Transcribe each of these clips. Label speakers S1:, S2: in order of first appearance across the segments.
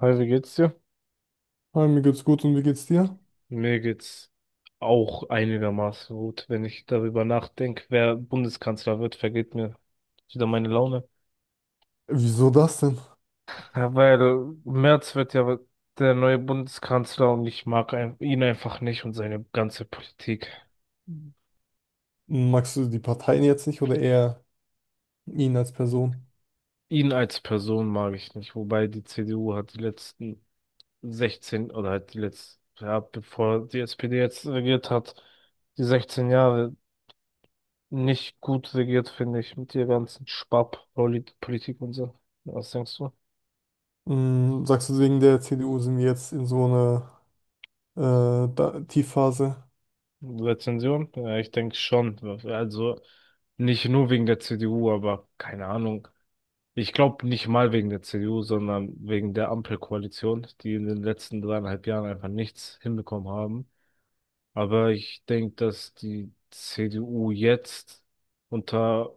S1: Hi, wie geht's dir?
S2: Hi, mir geht's gut und wie geht's dir?
S1: Mir geht's auch einigermaßen gut. Wenn ich darüber nachdenke, wer Bundeskanzler wird, vergeht mir wieder meine Laune.
S2: Wieso das denn?
S1: Ja, weil Merz wird ja der neue Bundeskanzler und ich mag ihn einfach nicht und seine ganze Politik.
S2: Magst du die Parteien jetzt nicht oder eher ihn als Person?
S1: Ihn als Person mag ich nicht, wobei die CDU hat die letzten 16 oder halt die letzten, ja, bevor die SPD jetzt regiert hat, die 16 Jahre nicht gut regiert, finde ich, mit der ganzen Sparpolitik und so. Was denkst du?
S2: Sagst du, wegen der CDU sind wir jetzt in so einer da Tiefphase?
S1: Rezension? Ja, ich denke schon. Also nicht nur wegen der CDU, aber keine Ahnung. Ich glaube nicht mal wegen der CDU, sondern wegen der Ampelkoalition, die in den letzten dreieinhalb Jahren einfach nichts hinbekommen haben. Aber ich denke, dass die CDU jetzt unter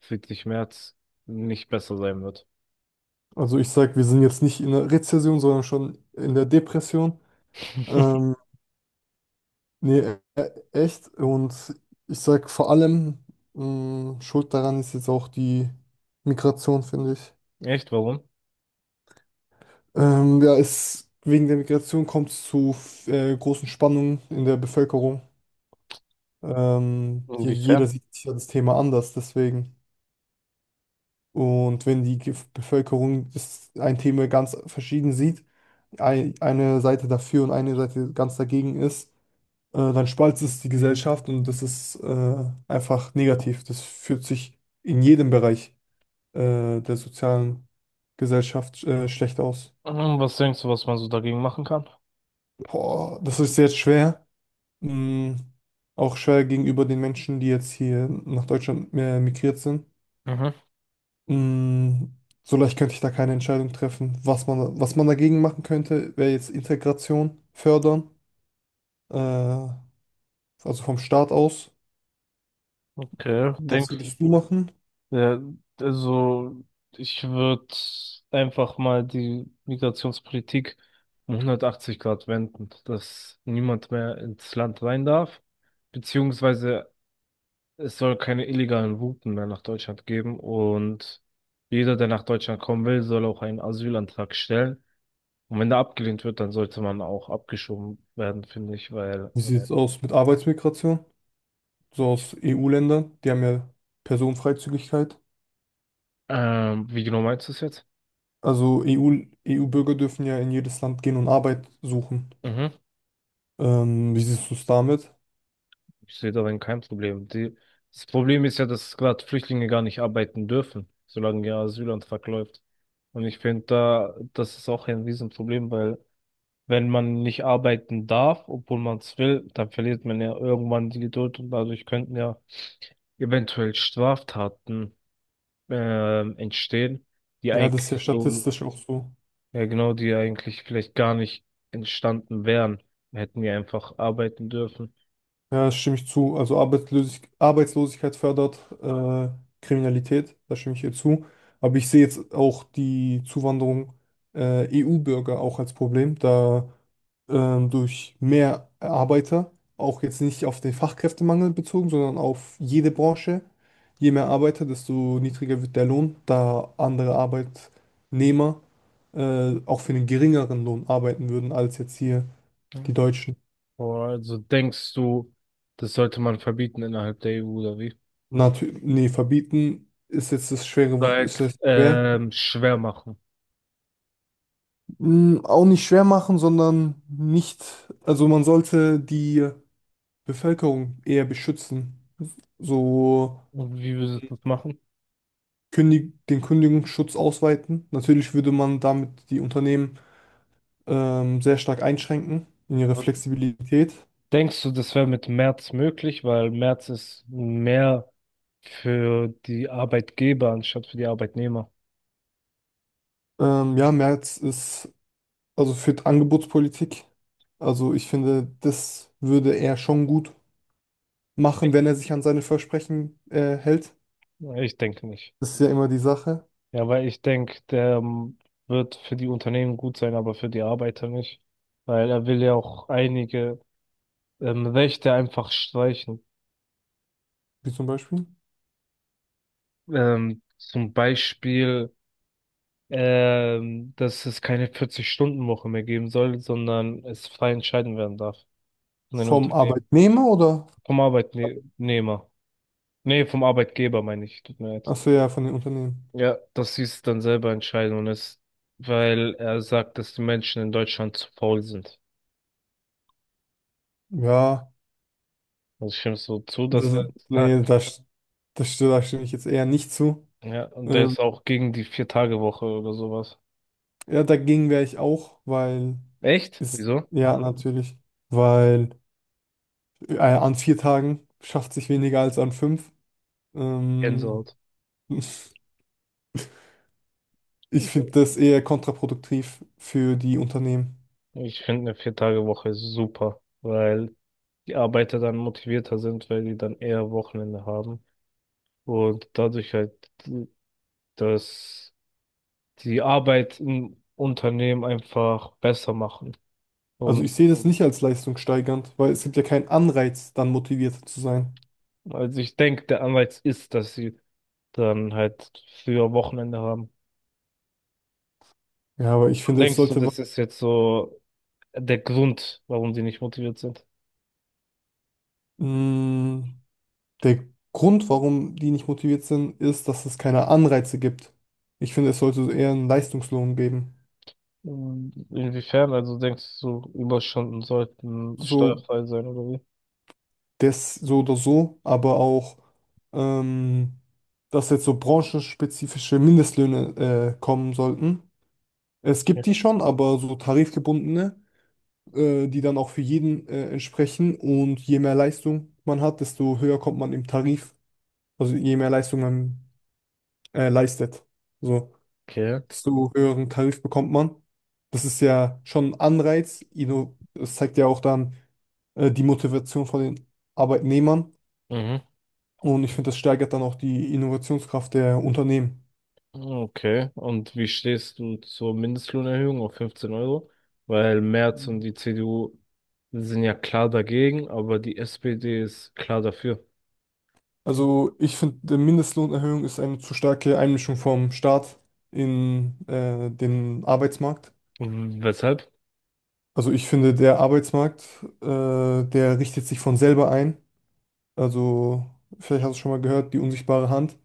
S1: Friedrich Merz nicht besser sein wird.
S2: Also ich sag, wir sind jetzt nicht in der Rezession, sondern schon in der Depression. Ähm, Nee, echt. Und ich sag vor allem, schuld daran ist jetzt auch die Migration, finde ich.
S1: Echt? Warum?
S2: Ja, wegen der Migration kommt es zu großen Spannungen in der Bevölkerung. Ja, jeder
S1: Inwiefern?
S2: sieht sich ja das Thema anders, deswegen. Und wenn die Bevölkerung das ein Thema ganz verschieden sieht, eine Seite dafür und eine Seite ganz dagegen ist, dann spaltet es die Gesellschaft und das ist einfach negativ. Das fühlt sich in jedem Bereich der sozialen Gesellschaft schlecht aus.
S1: Hm, was denkst du, was man so dagegen machen kann?
S2: Boah, das ist jetzt schwer. Mm, Auch schwer gegenüber den Menschen, die jetzt hier nach Deutschland migriert sind.
S1: Mhm.
S2: Mm, So leicht könnte ich da keine Entscheidung treffen. Was man dagegen machen könnte, wäre jetzt Integration fördern, also vom Staat aus.
S1: Okay,
S2: Was
S1: denkst
S2: würdest du machen?
S1: ja, also ich würde einfach mal die Migrationspolitik um 180 Grad wenden, dass niemand mehr ins Land rein darf, beziehungsweise es soll keine illegalen Routen mehr nach Deutschland geben und jeder, der nach Deutschland kommen will, soll auch einen Asylantrag stellen. Und wenn der abgelehnt wird, dann sollte man auch abgeschoben werden, finde ich, weil,
S2: Wie sieht es aus mit Arbeitsmigration? So aus EU-Ländern, die haben ja Personenfreizügigkeit.
S1: wie genau meinst du es jetzt?
S2: Also EU-Bürger dürfen ja in jedes Land gehen und Arbeit suchen. Wie siehst du es damit?
S1: Ich sehe darin kein Problem. Die, das Problem ist ja, dass gerade Flüchtlinge gar nicht arbeiten dürfen, solange ihr Asylantrag läuft. Und ich finde da, das ist auch ein Riesenproblem, weil wenn man nicht arbeiten darf, obwohl man es will, dann verliert man ja irgendwann die Geduld und dadurch könnten ja eventuell Straftaten entstehen, die
S2: Ja, das ist
S1: eigentlich
S2: ja
S1: so,
S2: statistisch auch so.
S1: ja genau, die eigentlich vielleicht gar nicht entstanden wären, hätten wir einfach arbeiten dürfen.
S2: Ja, stimme ich zu. Also Arbeitslosigkeit fördert Kriminalität, da stimme ich ihr zu. Aber ich sehe jetzt auch die Zuwanderung EU-Bürger auch als Problem, da durch mehr Arbeiter, auch jetzt nicht auf den Fachkräftemangel bezogen, sondern auf jede Branche, je mehr Arbeiter, desto niedriger wird der Lohn, da andere Arbeitnehmer auch für einen geringeren Lohn arbeiten würden als jetzt hier die Deutschen.
S1: Also denkst du, das sollte man verbieten innerhalb der EU oder wie?
S2: Natürlich, nee, verbieten ist jetzt das schwere, ist
S1: Seit
S2: jetzt schwer.
S1: schwer machen.
S2: Auch nicht schwer machen, sondern nicht, also man sollte die Bevölkerung eher beschützen. So
S1: Und wie würdest du das machen?
S2: den Kündigungsschutz ausweiten. Natürlich würde man damit die Unternehmen sehr stark einschränken in ihrer
S1: Und
S2: Flexibilität.
S1: denkst du, das wäre mit März möglich, weil März ist mehr für die Arbeitgeber anstatt für die Arbeitnehmer?
S2: Ja, Merz ist also für die Angebotspolitik. Also ich finde, das würde er schon gut machen, wenn er sich an seine Versprechen hält.
S1: Ich denke nicht.
S2: Das ist ja immer die Sache,
S1: Ja, weil ich denke, der wird für die Unternehmen gut sein, aber für die Arbeiter nicht. Weil er will ja auch einige Rechte einfach streichen.
S2: wie zum Beispiel
S1: Zum Beispiel dass es keine 40-Stunden-Woche mehr geben soll, sondern es frei entscheiden werden darf von den
S2: vom
S1: Unternehmen.
S2: Arbeitnehmer oder?
S1: Vom Arbeitnehmer. Nee, vom Arbeitgeber meine ich, tut mir leid.
S2: Achso, ja, von den Unternehmen.
S1: Ja, dass sie es dann selber entscheiden und es, weil er sagt, dass die Menschen in Deutschland zu faul sind.
S2: Ja,
S1: Also ich stimme so zu, dass
S2: das,
S1: er das
S2: nee,
S1: sagt.
S2: das, das, st- da stimme ich jetzt eher nicht zu.
S1: Ja, und der
S2: Ähm,
S1: ist auch gegen die Vier-Tage-Woche oder sowas.
S2: ja, dagegen wäre ich auch, weil
S1: Echt?
S2: ist,
S1: Wieso?
S2: ja, natürlich, weil an 4 Tagen schafft sich weniger als an 5. Ähm,
S1: Gänsehaut.
S2: ich finde das eher kontraproduktiv für die Unternehmen.
S1: Ich finde eine Vier-Tage-Woche super, weil die Arbeiter dann motivierter sind, weil die dann eher Wochenende haben und dadurch halt, dass die Arbeit im Unternehmen einfach besser machen.
S2: Also
S1: Und
S2: ich sehe das nicht als leistungssteigernd, weil es gibt ja keinen Anreiz, dann motiviert zu sein.
S1: also ich denke, der Anreiz ist, dass sie dann halt früher Wochenende haben.
S2: Ja, aber ich finde, es
S1: Denkst du,
S2: sollte
S1: das ist jetzt so der Grund, warum die nicht motiviert sind?
S2: Mm, der Grund, warum die nicht motiviert sind, ist, dass es keine Anreize gibt. Ich finde, es sollte eher einen Leistungslohn geben.
S1: Inwiefern? Also denkst du, Überstunden sollten
S2: So,
S1: steuerfrei sein oder wie?
S2: das, so oder so, aber auch, ähm, dass jetzt so branchenspezifische Mindestlöhne, kommen sollten. Es gibt die schon, aber so tarifgebundene, die dann auch für jeden, entsprechen. Und je mehr Leistung man hat, desto höher kommt man im Tarif. Also je mehr Leistung man leistet. So,
S1: Okay.
S2: desto höheren Tarif bekommt man. Das ist ja schon ein Anreiz. Das zeigt ja auch dann die Motivation von den Arbeitnehmern.
S1: Mhm.
S2: Und ich finde, das steigert dann auch die Innovationskraft der Unternehmen.
S1: Okay, und wie stehst du zur Mindestlohnerhöhung auf 15 Euro? Weil Merz und die CDU sind ja klar dagegen, aber die SPD ist klar dafür.
S2: Also ich finde, die Mindestlohnerhöhung ist eine zu starke Einmischung vom Staat in den Arbeitsmarkt.
S1: W- Weshalb?
S2: Also ich finde, der richtet sich von selber ein. Also vielleicht hast du schon mal gehört, die unsichtbare Hand.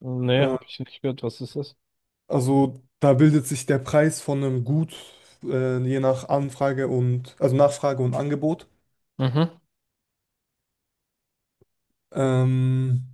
S1: Nee,
S2: Äh,
S1: habe ich nicht gehört. Was ist das?
S2: Also da bildet sich der Preis von einem Gut je nach Anfrage und also Nachfrage und Angebot.
S1: Mhm.
S2: Ähm,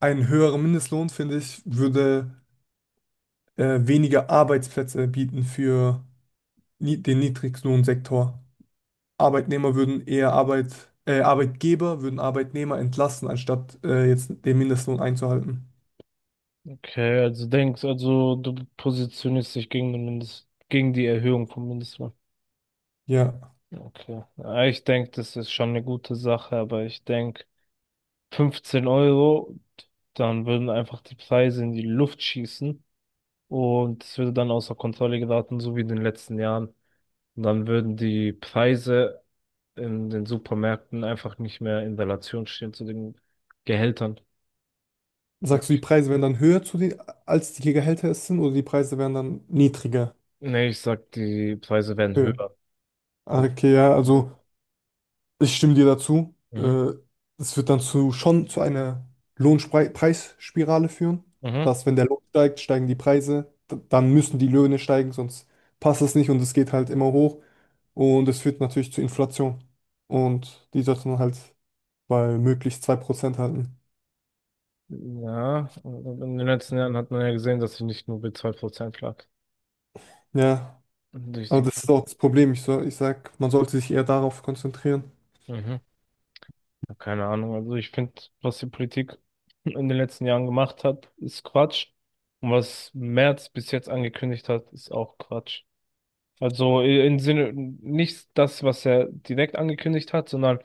S2: ein höherer Mindestlohn, finde ich, würde weniger Arbeitsplätze bieten für ni den Niedriglohnsektor. Arbeitnehmer würden eher Arbeit, Arbeitgeber würden Arbeitnehmer entlassen, anstatt jetzt den Mindestlohn einzuhalten.
S1: Okay, also denkst, also du positionierst dich gegen den Mindest, gegen die Erhöhung vom Mindestlohn.
S2: Ja.
S1: Okay. Ja, ich denke, das ist schon eine gute Sache, aber ich denke, 15 Euro, dann würden einfach die Preise in die Luft schießen. Und es würde dann außer Kontrolle geraten, so wie in den letzten Jahren. Und dann würden die Preise in den Supermärkten einfach nicht mehr in Relation stehen zu den Gehältern. Also
S2: Sagst du, die
S1: ich,
S2: Preise wären dann höher zu den, als die Gehälter es sind, oder die Preise wären dann niedriger,
S1: nee, ich sag, die Preise werden
S2: höher?
S1: höher.
S2: Ah,
S1: Also,
S2: okay, ja, also. Ich stimme dir dazu.
S1: mhm.
S2: Es wird dann schon zu einer Lohnpreisspirale führen,
S1: Mhm.
S2: dass wenn der Lohn steigt, steigen die Preise, dann müssen die Löhne steigen, sonst passt es nicht und es geht halt immer hoch und es führt natürlich zu Inflation und die sollte man halt bei möglichst 2% halten.
S1: Ja, und in den letzten Jahren hat man ja gesehen, dass sie nicht nur bei 2% lag.
S2: Ja,
S1: Durch
S2: aber
S1: die
S2: das ist auch das
S1: Politik.
S2: Problem. Ich, so, ich sag, man sollte sich eher darauf konzentrieren.
S1: Mhm. Ja, keine Ahnung. Also ich finde, was die Politik in den letzten Jahren gemacht hat, ist Quatsch. Und was Merz bis jetzt angekündigt hat, ist auch Quatsch. Also im Sinne, nicht das, was er direkt angekündigt hat, sondern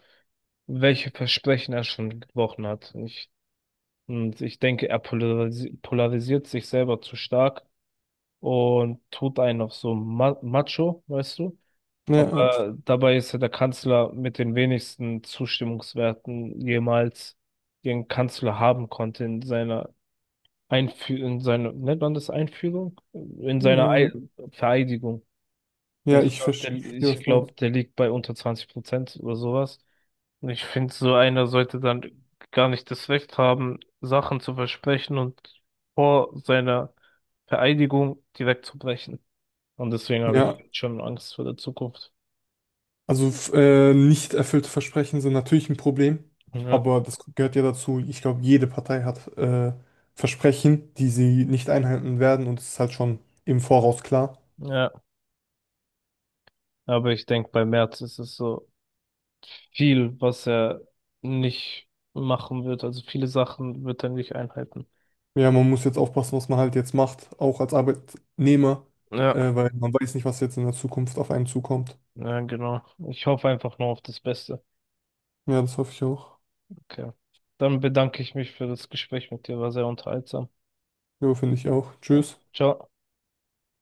S1: welche Versprechen er schon gebrochen hat. Ich, und ich denke, er polarisiert sich selber zu stark und tut einen auf so Ma Macho, weißt du?
S2: Ja,
S1: Aber dabei ist ja der Kanzler mit den wenigsten Zustimmungswerten jemals den Kanzler haben konnte in seiner Einführung, in seiner, nennt man das Einführung? In seiner Ei
S2: ja,
S1: Vereidigung.
S2: ja,
S1: Ich
S2: ich
S1: glaube, der,
S2: verstehe,
S1: ich
S2: was du meinst.
S1: glaub, der liegt bei unter 20% oder sowas. Und ich finde, so einer sollte dann gar nicht das Recht haben, Sachen zu versprechen und vor seiner Vereidigung direkt zu brechen. Und deswegen habe ich
S2: Ja,
S1: schon Angst vor der Zukunft.
S2: also nicht erfüllte Versprechen sind natürlich ein Problem,
S1: Ja,
S2: aber das gehört ja dazu. Ich glaube, jede Partei hat Versprechen, die sie nicht einhalten werden und es ist halt schon im Voraus klar.
S1: ja. Aber ich denke, bei Merz ist es so viel, was er nicht machen wird. Also viele Sachen wird er nicht einhalten.
S2: Ja, man muss jetzt aufpassen, was man halt jetzt macht, auch als Arbeitnehmer,
S1: Ja,
S2: weil man weiß nicht, was jetzt in der Zukunft auf einen zukommt.
S1: ja, genau. Ich hoffe einfach nur auf das Beste.
S2: Ja, das hoffe ich auch.
S1: Okay. Dann bedanke ich mich für das Gespräch mit dir. War sehr unterhaltsam.
S2: Ja, finde ich auch.
S1: Ja.
S2: Tschüss.
S1: Ciao.